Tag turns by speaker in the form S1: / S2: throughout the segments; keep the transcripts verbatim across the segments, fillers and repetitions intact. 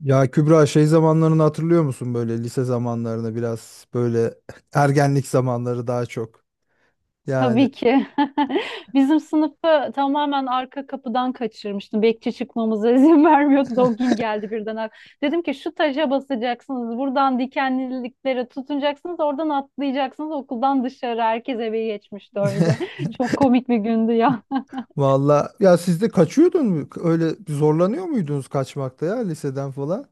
S1: Ya Kübra şey zamanlarını hatırlıyor musun böyle lise zamanlarını biraz böyle ergenlik zamanları daha çok. Yani
S2: Tabii ki. Bizim sınıfı tamamen arka kapıdan kaçırmıştım. Bekçi çıkmamıza izin vermiyordu da o gün geldi birden. ak- Dedim ki şu taşa basacaksınız, buradan dikenliliklere tutunacaksınız, oradan atlayacaksınız okuldan dışarı. Herkes eve geçmişti öyle. Çok komik bir gündü ya.
S1: valla ya siz de kaçıyordun mu? Öyle zorlanıyor muydunuz kaçmakta ya liseden falan?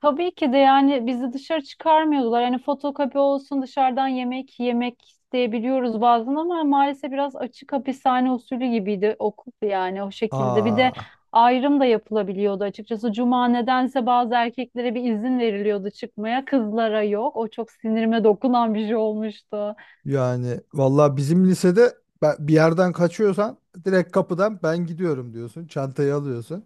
S2: Tabii ki de yani bizi dışarı çıkarmıyordular. Yani fotokopi olsun dışarıdan yemek yemek isteyebiliyoruz bazen ama maalesef biraz açık hapishane usulü gibiydi okul yani o şekilde. Bir de
S1: Aa,
S2: ayrım da yapılabiliyordu açıkçası. Cuma nedense bazı erkeklere bir izin veriliyordu çıkmaya. Kızlara yok. O çok sinirime dokunan bir şey olmuştu.
S1: yani valla bizim lisede ben- bir yerden kaçıyorsan direkt kapıdan ben gidiyorum diyorsun. Çantayı alıyorsun.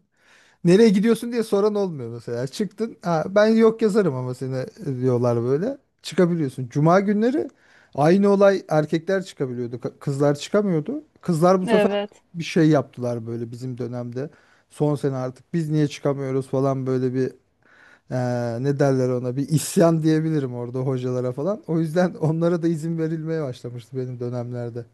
S1: Nereye gidiyorsun diye soran olmuyor mesela. Çıktın. Ha, ben yok yazarım ama seni diyorlar böyle. Çıkabiliyorsun. Cuma günleri aynı olay, erkekler çıkabiliyordu. ka- Kızlar çıkamıyordu. Kızlar bu sefer
S2: Evet.
S1: bir şey yaptılar böyle bizim dönemde. Son sene artık biz niye çıkamıyoruz falan, böyle bir eee, ne derler ona, bir isyan diyebilirim orada hocalara falan. O yüzden onlara da izin verilmeye başlamıştı benim dönemlerde.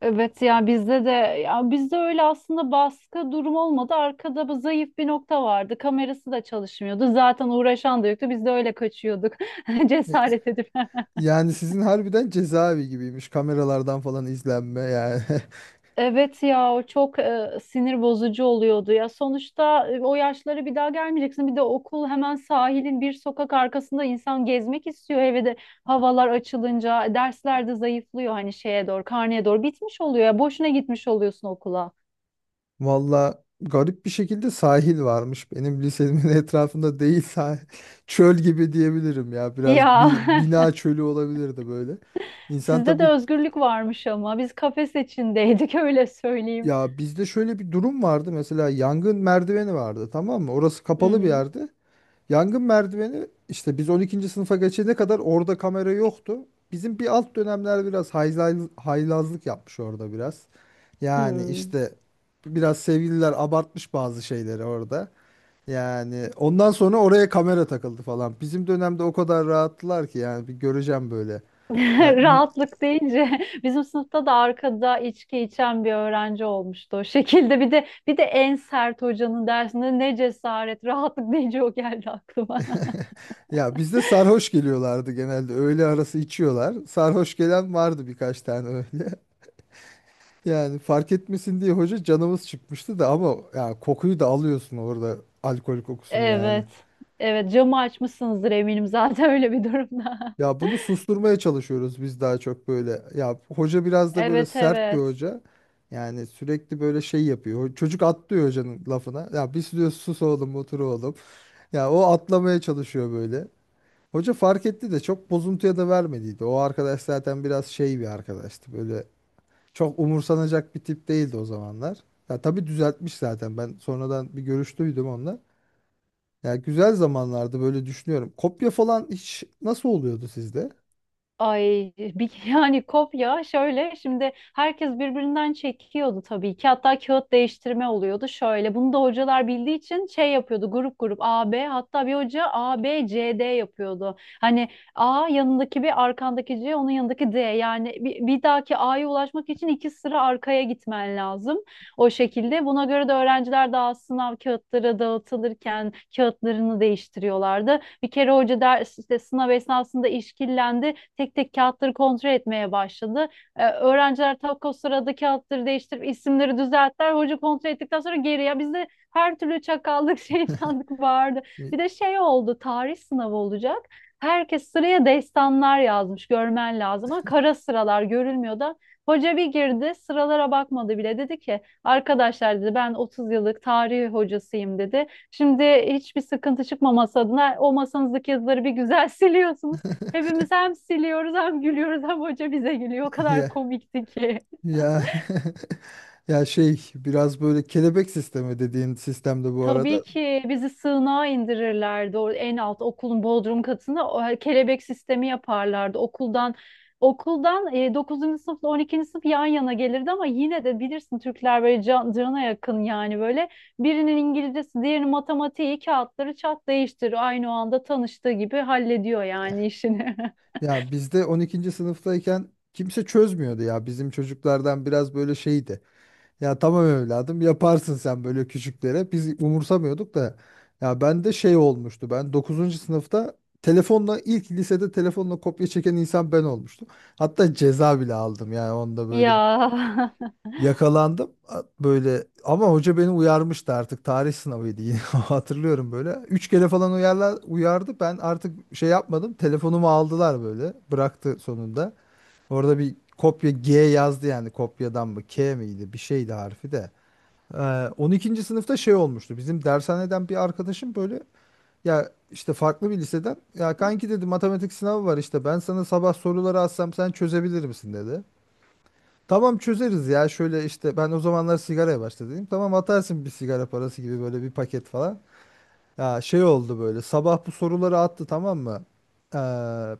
S2: Evet ya bizde de ya bizde öyle aslında baskı durum olmadı. Arkada bu zayıf bir nokta vardı. Kamerası da çalışmıyordu. Zaten uğraşan da yoktu. Biz de öyle kaçıyorduk.
S1: E,
S2: Cesaret edip.
S1: yani sizin harbiden cezaevi gibiymiş, kameralardan falan izlenme yani.
S2: Evet ya o çok e, sinir bozucu oluyordu ya. Sonuçta e, o yaşlara bir daha gelmeyeceksin. Bir de okul hemen sahilin bir sokak arkasında insan gezmek istiyor. Eve de havalar açılınca dersler de zayıflıyor hani şeye doğru, karneye doğru bitmiş oluyor ya. Boşuna gitmiş oluyorsun okula.
S1: Valla garip bir şekilde sahil varmış. Benim lisemin etrafında değil sahil. Çöl gibi diyebilirim ya.
S2: Ya.
S1: Biraz bi- bina çölü olabilirdi böyle. İnsan
S2: Sizde de
S1: tabii,
S2: özgürlük varmış ama biz kafes içindeydik, öyle söyleyeyim.
S1: ya bizde şöyle bir durum vardı. Mesela yangın merdiveni vardı, tamam mı? Orası
S2: Hı
S1: kapalı bir
S2: hı.
S1: yerdi. Yangın merdiveni işte, biz on ikinci sınıfa geçene kadar orada kamera yoktu. Bizim bir alt dönemler biraz hayla- haylazlık yapmış orada biraz. Yani
S2: Hı.
S1: işte biraz sevgililer abartmış bazı şeyleri orada. Yani ondan sonra oraya kamera takıldı falan. Bizim dönemde o kadar rahattılar ki, yani bir göreceğim böyle. Ya,
S2: Rahatlık deyince bizim sınıfta da arkada içki içen bir öğrenci olmuştu o şekilde. Bir de bir de en sert hocanın dersinde ne cesaret, rahatlık deyince o geldi aklıma.
S1: ya bizde sarhoş geliyorlardı genelde. Öğle arası içiyorlar. Sarhoş gelen vardı birkaç tane öyle. Yani fark etmesin diye hoca, canımız çıkmıştı da, ama ya kokuyu da alıyorsun orada, alkol kokusunu yani.
S2: Evet. Evet, camı açmışsınızdır eminim zaten öyle bir durumda.
S1: Ya bunu susturmaya çalışıyoruz biz daha çok böyle. Ya hoca biraz da böyle
S2: Evet,
S1: sert bir
S2: evet.
S1: hoca. Yani sürekli böyle şey yapıyor. Çocuk atlıyor hocanın lafına. Ya biz diyor, sus oğlum, otur oğlum. Ya o atlamaya çalışıyor böyle. Hoca fark etti de çok bozuntuya da vermediydi. O arkadaş zaten biraz şey bir arkadaştı. Böyle çok umursanacak bir tip değildi o zamanlar. Ya tabii düzeltmiş zaten. Ben sonradan bir görüş duydum onunla. Ya güzel zamanlardı böyle, düşünüyorum. Kopya falan hiç nasıl oluyordu sizde?
S2: Ay bir, yani kopya şöyle, şimdi herkes birbirinden çekiyordu tabii ki, hatta kağıt değiştirme oluyordu şöyle. Bunu da hocalar bildiği için şey yapıyordu: grup grup A B, hatta bir hoca A B C D yapıyordu. Hani A yanındaki, bir arkandaki C, onun yanındaki D, yani bir, bir dahaki A'ya ulaşmak için iki sıra arkaya gitmen lazım, o şekilde. Buna göre de öğrenciler daha sınav kağıtları dağıtılırken kağıtlarını değiştiriyorlardı. Bir kere hoca ders, işte sınav esnasında işkillendi, tek tek kağıtları kontrol etmeye başladı. Ee, öğrenciler tak o sırada kağıtları değiştirip isimleri düzelttiler. Hoca kontrol ettikten sonra geri, ya bizde her türlü çakallık, şeytanlık vardı. Bir de şey oldu, tarih sınavı olacak. Herkes sıraya destanlar yazmış, görmen lazım. Ama kara sıralar görülmüyor da. Hoca bir girdi, sıralara bakmadı bile. Dedi ki, arkadaşlar, dedi, ben otuz yıllık tarih hocasıyım, dedi. Şimdi hiçbir sıkıntı çıkmaması adına o masanızdaki yazıları bir güzel siliyorsunuz. Hepimiz hem siliyoruz, hem gülüyoruz, hem hoca bize gülüyor. O kadar
S1: Ya
S2: komikti ki.
S1: Ya ya şey biraz böyle kelebek sistemi dediğin sistemde bu
S2: Tabii
S1: arada.
S2: ki bizi sığınağa indirirlerdi. O en alt okulun bodrum katına o kelebek sistemi yaparlardı. Okuldan okuldan e, dokuzuncu sınıfla on ikinci sınıf yan yana gelirdi, ama yine de bilirsin Türkler böyle can, cana yakın. Yani böyle birinin İngilizcesi, diğerinin matematiği, kağıtları çat değiştir, aynı o anda tanıştığı gibi hallediyor yani işini.
S1: Ya bizde on ikinci sınıftayken kimse çözmüyordu ya. Bizim çocuklardan biraz böyle şeydi. Ya tamam evladım, yaparsın sen böyle küçüklere. Biz umursamıyorduk da. Ya ben de şey olmuştu. Ben dokuzuncu sınıfta telefonla, ilk lisede telefonla kopya çeken insan ben olmuştum. Hatta ceza bile aldım yani onda böyle.
S2: Ya.
S1: Yakalandım A- böyle, ama hoca beni uyarmıştı artık, tarih sınavıydı yine, hatırlıyorum böyle. Üç kere falan uyarlar, uyardı, ben artık şey yapmadım, telefonumu aldılar, böyle bıraktı sonunda. Orada bir kopya G yazdı yani, kopyadan mı K miydi bir şeydi harfi de. Ee, on ikinci sınıfta şey olmuştu, bizim dershaneden bir arkadaşım böyle, ya işte farklı bir liseden, ya kanki dedi matematik sınavı var işte, ben sana sabah soruları atsam sen çözebilir misin dedi. Tamam çözeriz ya, şöyle işte ben o zamanlar sigaraya başladım. Tamam atarsın bir sigara parası gibi böyle, bir paket falan. Ya şey oldu böyle, sabah bu soruları attı, tamam mı? Ee,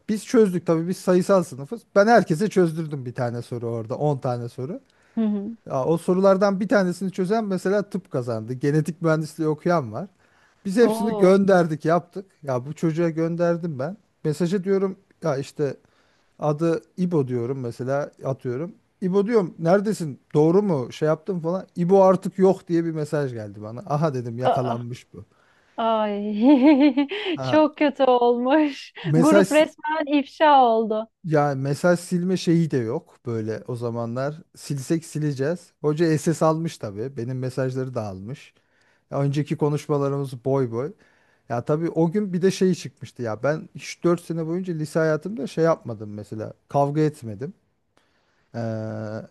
S1: biz çözdük tabii, biz sayısal sınıfız. Ben herkese çözdürdüm bir tane soru, orada on tane soru.
S2: Hı hı.
S1: Ya, o sorulardan bir tanesini çözen mesela tıp kazandı. Genetik mühendisliği okuyan var. Biz hepsini
S2: Oo.
S1: gönderdik yaptık. Ya bu çocuğa gönderdim ben. Mesaja diyorum ya işte, adı İbo diyorum mesela, atıyorum. İbo diyorum, neredesin? Doğru mu? Şey yaptım falan. İbo artık yok diye bir mesaj geldi bana. Aha dedim,
S2: Aa.
S1: yakalanmış bu.
S2: Ay,
S1: Ha,
S2: çok kötü olmuş.
S1: mesaj,
S2: Grup resmen ifşa oldu.
S1: ya mesaj silme şeyi de yok böyle o zamanlar. Silsek sileceğiz. Hoca S S almış tabii. Benim mesajları da almış. Ya önceki konuşmalarımız boy boy. Ya tabii o gün bir de şey çıkmıştı ya. Ben hiç dört sene boyunca lise hayatımda şey yapmadım mesela. Kavga etmedim. Ee,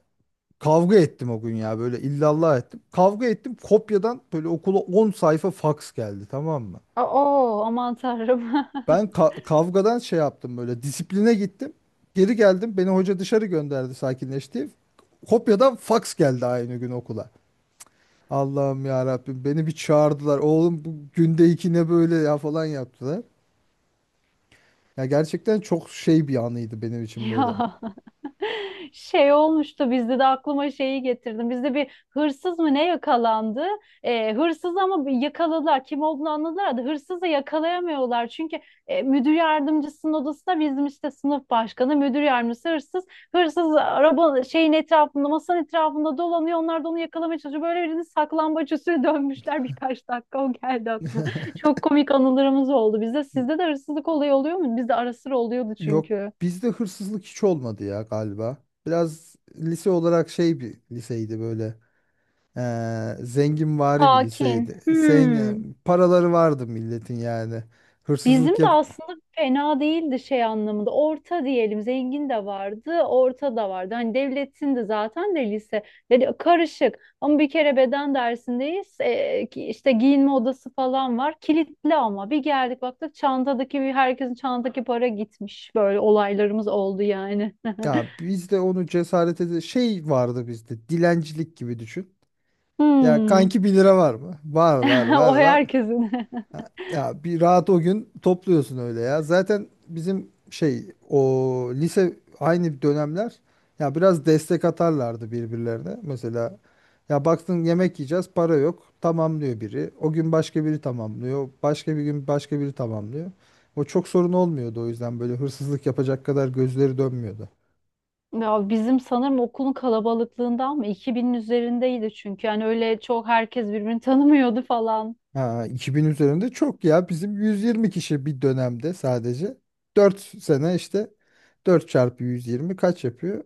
S1: Kavga ettim o gün ya, böyle illallah ettim. Kavga ettim, kopyadan böyle okula on sayfa faks geldi, tamam mı?
S2: Oo, aman tanrım.
S1: Ben ka- kavgadan şey yaptım, böyle disipline gittim. Geri geldim, beni hoca dışarı gönderdi, sakinleşti. Kopyadan faks geldi aynı gün okula. Allah'ım ya Rabbim, beni bir çağırdılar. Oğlum bu günde iki ne böyle ya falan yaptılar. Ya gerçekten çok şey bir anıydı benim için böyle.
S2: Ya. Şey olmuştu bizde de, aklıma şeyi getirdim. Bizde bir hırsız mı ne yakalandı? Ee, hırsız ama bir yakaladılar. Kim olduğunu anladılar da hırsızı yakalayamıyorlar. Çünkü e, müdür yardımcısının odasında bizim işte sınıf başkanı, müdür yardımcısı, hırsız. Hırsız araba şeyin etrafında, masanın etrafında dolanıyor. Onlar da onu yakalamaya çalışıyor. Böyle birini saklambaç usulü dönmüşler birkaç dakika. O geldi aklıma. Çok komik anılarımız oldu bizde. Sizde de hırsızlık olayı oluyor mu? Bizde ara sıra oluyordu
S1: Yok,
S2: çünkü.
S1: bizde hırsızlık hiç olmadı ya galiba. Biraz lise olarak şey bir liseydi böyle. Ee, zenginvari bir
S2: Sakin.
S1: liseydi.
S2: Hmm.
S1: Zengin, paraları vardı milletin yani.
S2: Bizim
S1: Hırsızlık
S2: de
S1: yap,
S2: aslında fena değildi şey anlamında. Orta diyelim, zengin de vardı, orta da vardı. Hani devletin de zaten de lise, yani karışık. Ama bir kere beden dersindeyiz. Ee, ki- işte giyinme odası falan var. Kilitli, ama bir geldik baktık çantadaki, bir herkesin çantadaki para gitmiş. Böyle olaylarımız oldu yani.
S1: ya bizde onu cesaret ede şey vardı bizde. Dilencilik gibi düşün. Ya
S2: Hmm.
S1: kanki bir lira var mı? Var var var
S2: O
S1: var.
S2: herkesin.
S1: Ha, ya bir rahat o gün topluyorsun öyle ya. Zaten bizim şey, o lise aynı dönemler, ya biraz destek atarlardı birbirlerine. Mesela ya baktın, yemek yiyeceğiz para yok, tamamlıyor biri. O gün başka biri tamamlıyor. Başka bir gün başka biri tamamlıyor. O çok sorun olmuyordu, o yüzden böyle hırsızlık yapacak kadar gözleri dönmüyordu.
S2: Ya bizim sanırım okulun kalabalıklığından mı? iki binin üzerindeydi çünkü. Yani öyle çok herkes birbirini tanımıyordu falan.
S1: Ha, iki bin üzerinde çok ya. Bizim yüz yirmi kişi bir dönemde sadece. dört sene işte, dört çarpı yüz yirmi kaç yapıyor?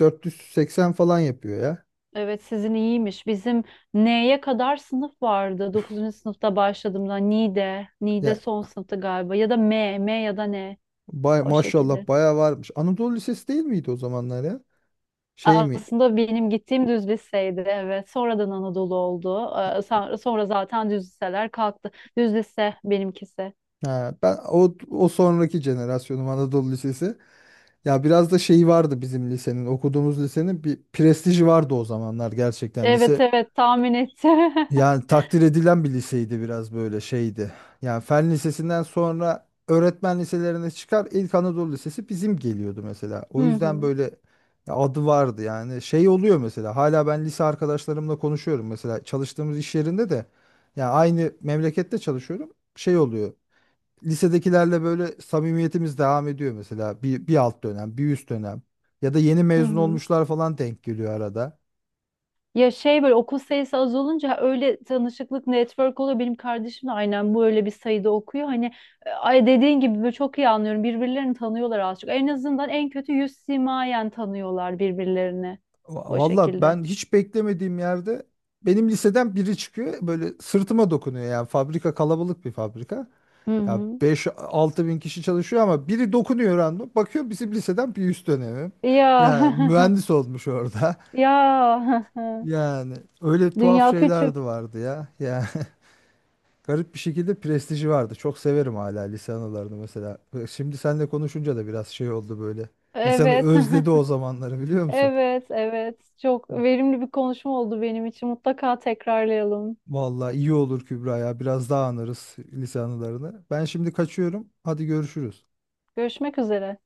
S1: dört yüz seksen falan yapıyor ya.
S2: Evet, sizin iyiymiş. Bizim N'ye kadar sınıf vardı. Dokuzuncu sınıfta başladığımda Ni'de, Ni'de,
S1: Ya
S2: son sınıfta galiba ya da M, M, ya da N,
S1: bay,
S2: o şekilde.
S1: maşallah bayağı varmış. Anadolu Lisesi değil miydi o zamanlar ya? Şey mi?
S2: Aslında benim gittiğim düz liseydi, evet. Sonradan Anadolu oldu. Ee, sa- Sonra zaten düz liseler kalktı. Düz lise benimkisi.
S1: Ha, ben o, o sonraki jenerasyonum Anadolu Lisesi. Ya biraz da şeyi vardı bizim lisenin, okuduğumuz lisenin bir prestiji vardı o zamanlar gerçekten.
S2: Evet,
S1: Lise,
S2: evet, tahmin ettim.
S1: yani takdir edilen bir liseydi, biraz böyle şeydi. Yani fen lisesinden sonra öğretmen liselerine çıkar, ilk Anadolu Lisesi bizim geliyordu mesela. O
S2: Hı
S1: yüzden
S2: hı.
S1: böyle adı vardı yani. Şey oluyor mesela, hala ben lise arkadaşlarımla konuşuyorum mesela, çalıştığımız iş yerinde de yani aynı memlekette çalışıyorum. Şey oluyor. Lisedekilerle böyle samimiyetimiz devam ediyor mesela, bir, bir alt dönem, bir üst dönem, ya da yeni
S2: Hı
S1: mezun
S2: hı.
S1: olmuşlar falan denk geliyor arada.
S2: Ya şey, böyle okul sayısı az olunca öyle tanışıklık, network oluyor. Benim kardeşim de aynen bu, öyle bir sayıda okuyor. Hani e, ay dediğin gibi, böyle çok iyi anlıyorum. Birbirlerini tanıyorlar az çok. En azından en kötü yüz simayen tanıyorlar birbirlerini,
S1: Va-
S2: o
S1: Valla
S2: şekilde.
S1: ben hiç beklemediğim yerde benim liseden biri çıkıyor böyle, sırtıma dokunuyor, yani fabrika kalabalık bir fabrika.
S2: Hı
S1: Ya
S2: hı.
S1: beş altı bin kişi çalışıyor, ama biri dokunuyor random. Bakıyor bizim liseden bir üst dönemim.
S2: Ya.
S1: Yani mühendis olmuş orada.
S2: Ya.
S1: Yani öyle tuhaf
S2: Dünya
S1: şeyler
S2: küçük.
S1: de vardı ya. Yani garip bir şekilde prestiji vardı. Çok severim hala lise anılarını mesela. Şimdi seninle konuşunca da biraz şey oldu böyle. İnsanı
S2: Evet.
S1: özledi o zamanları, biliyor musun?
S2: Evet, evet. Çok verimli bir konuşma oldu benim için. Mutlaka tekrarlayalım.
S1: Vallahi iyi olur Kübra ya. Biraz daha anarız lise anılarını. Ben şimdi kaçıyorum. Hadi görüşürüz.
S2: Görüşmek üzere.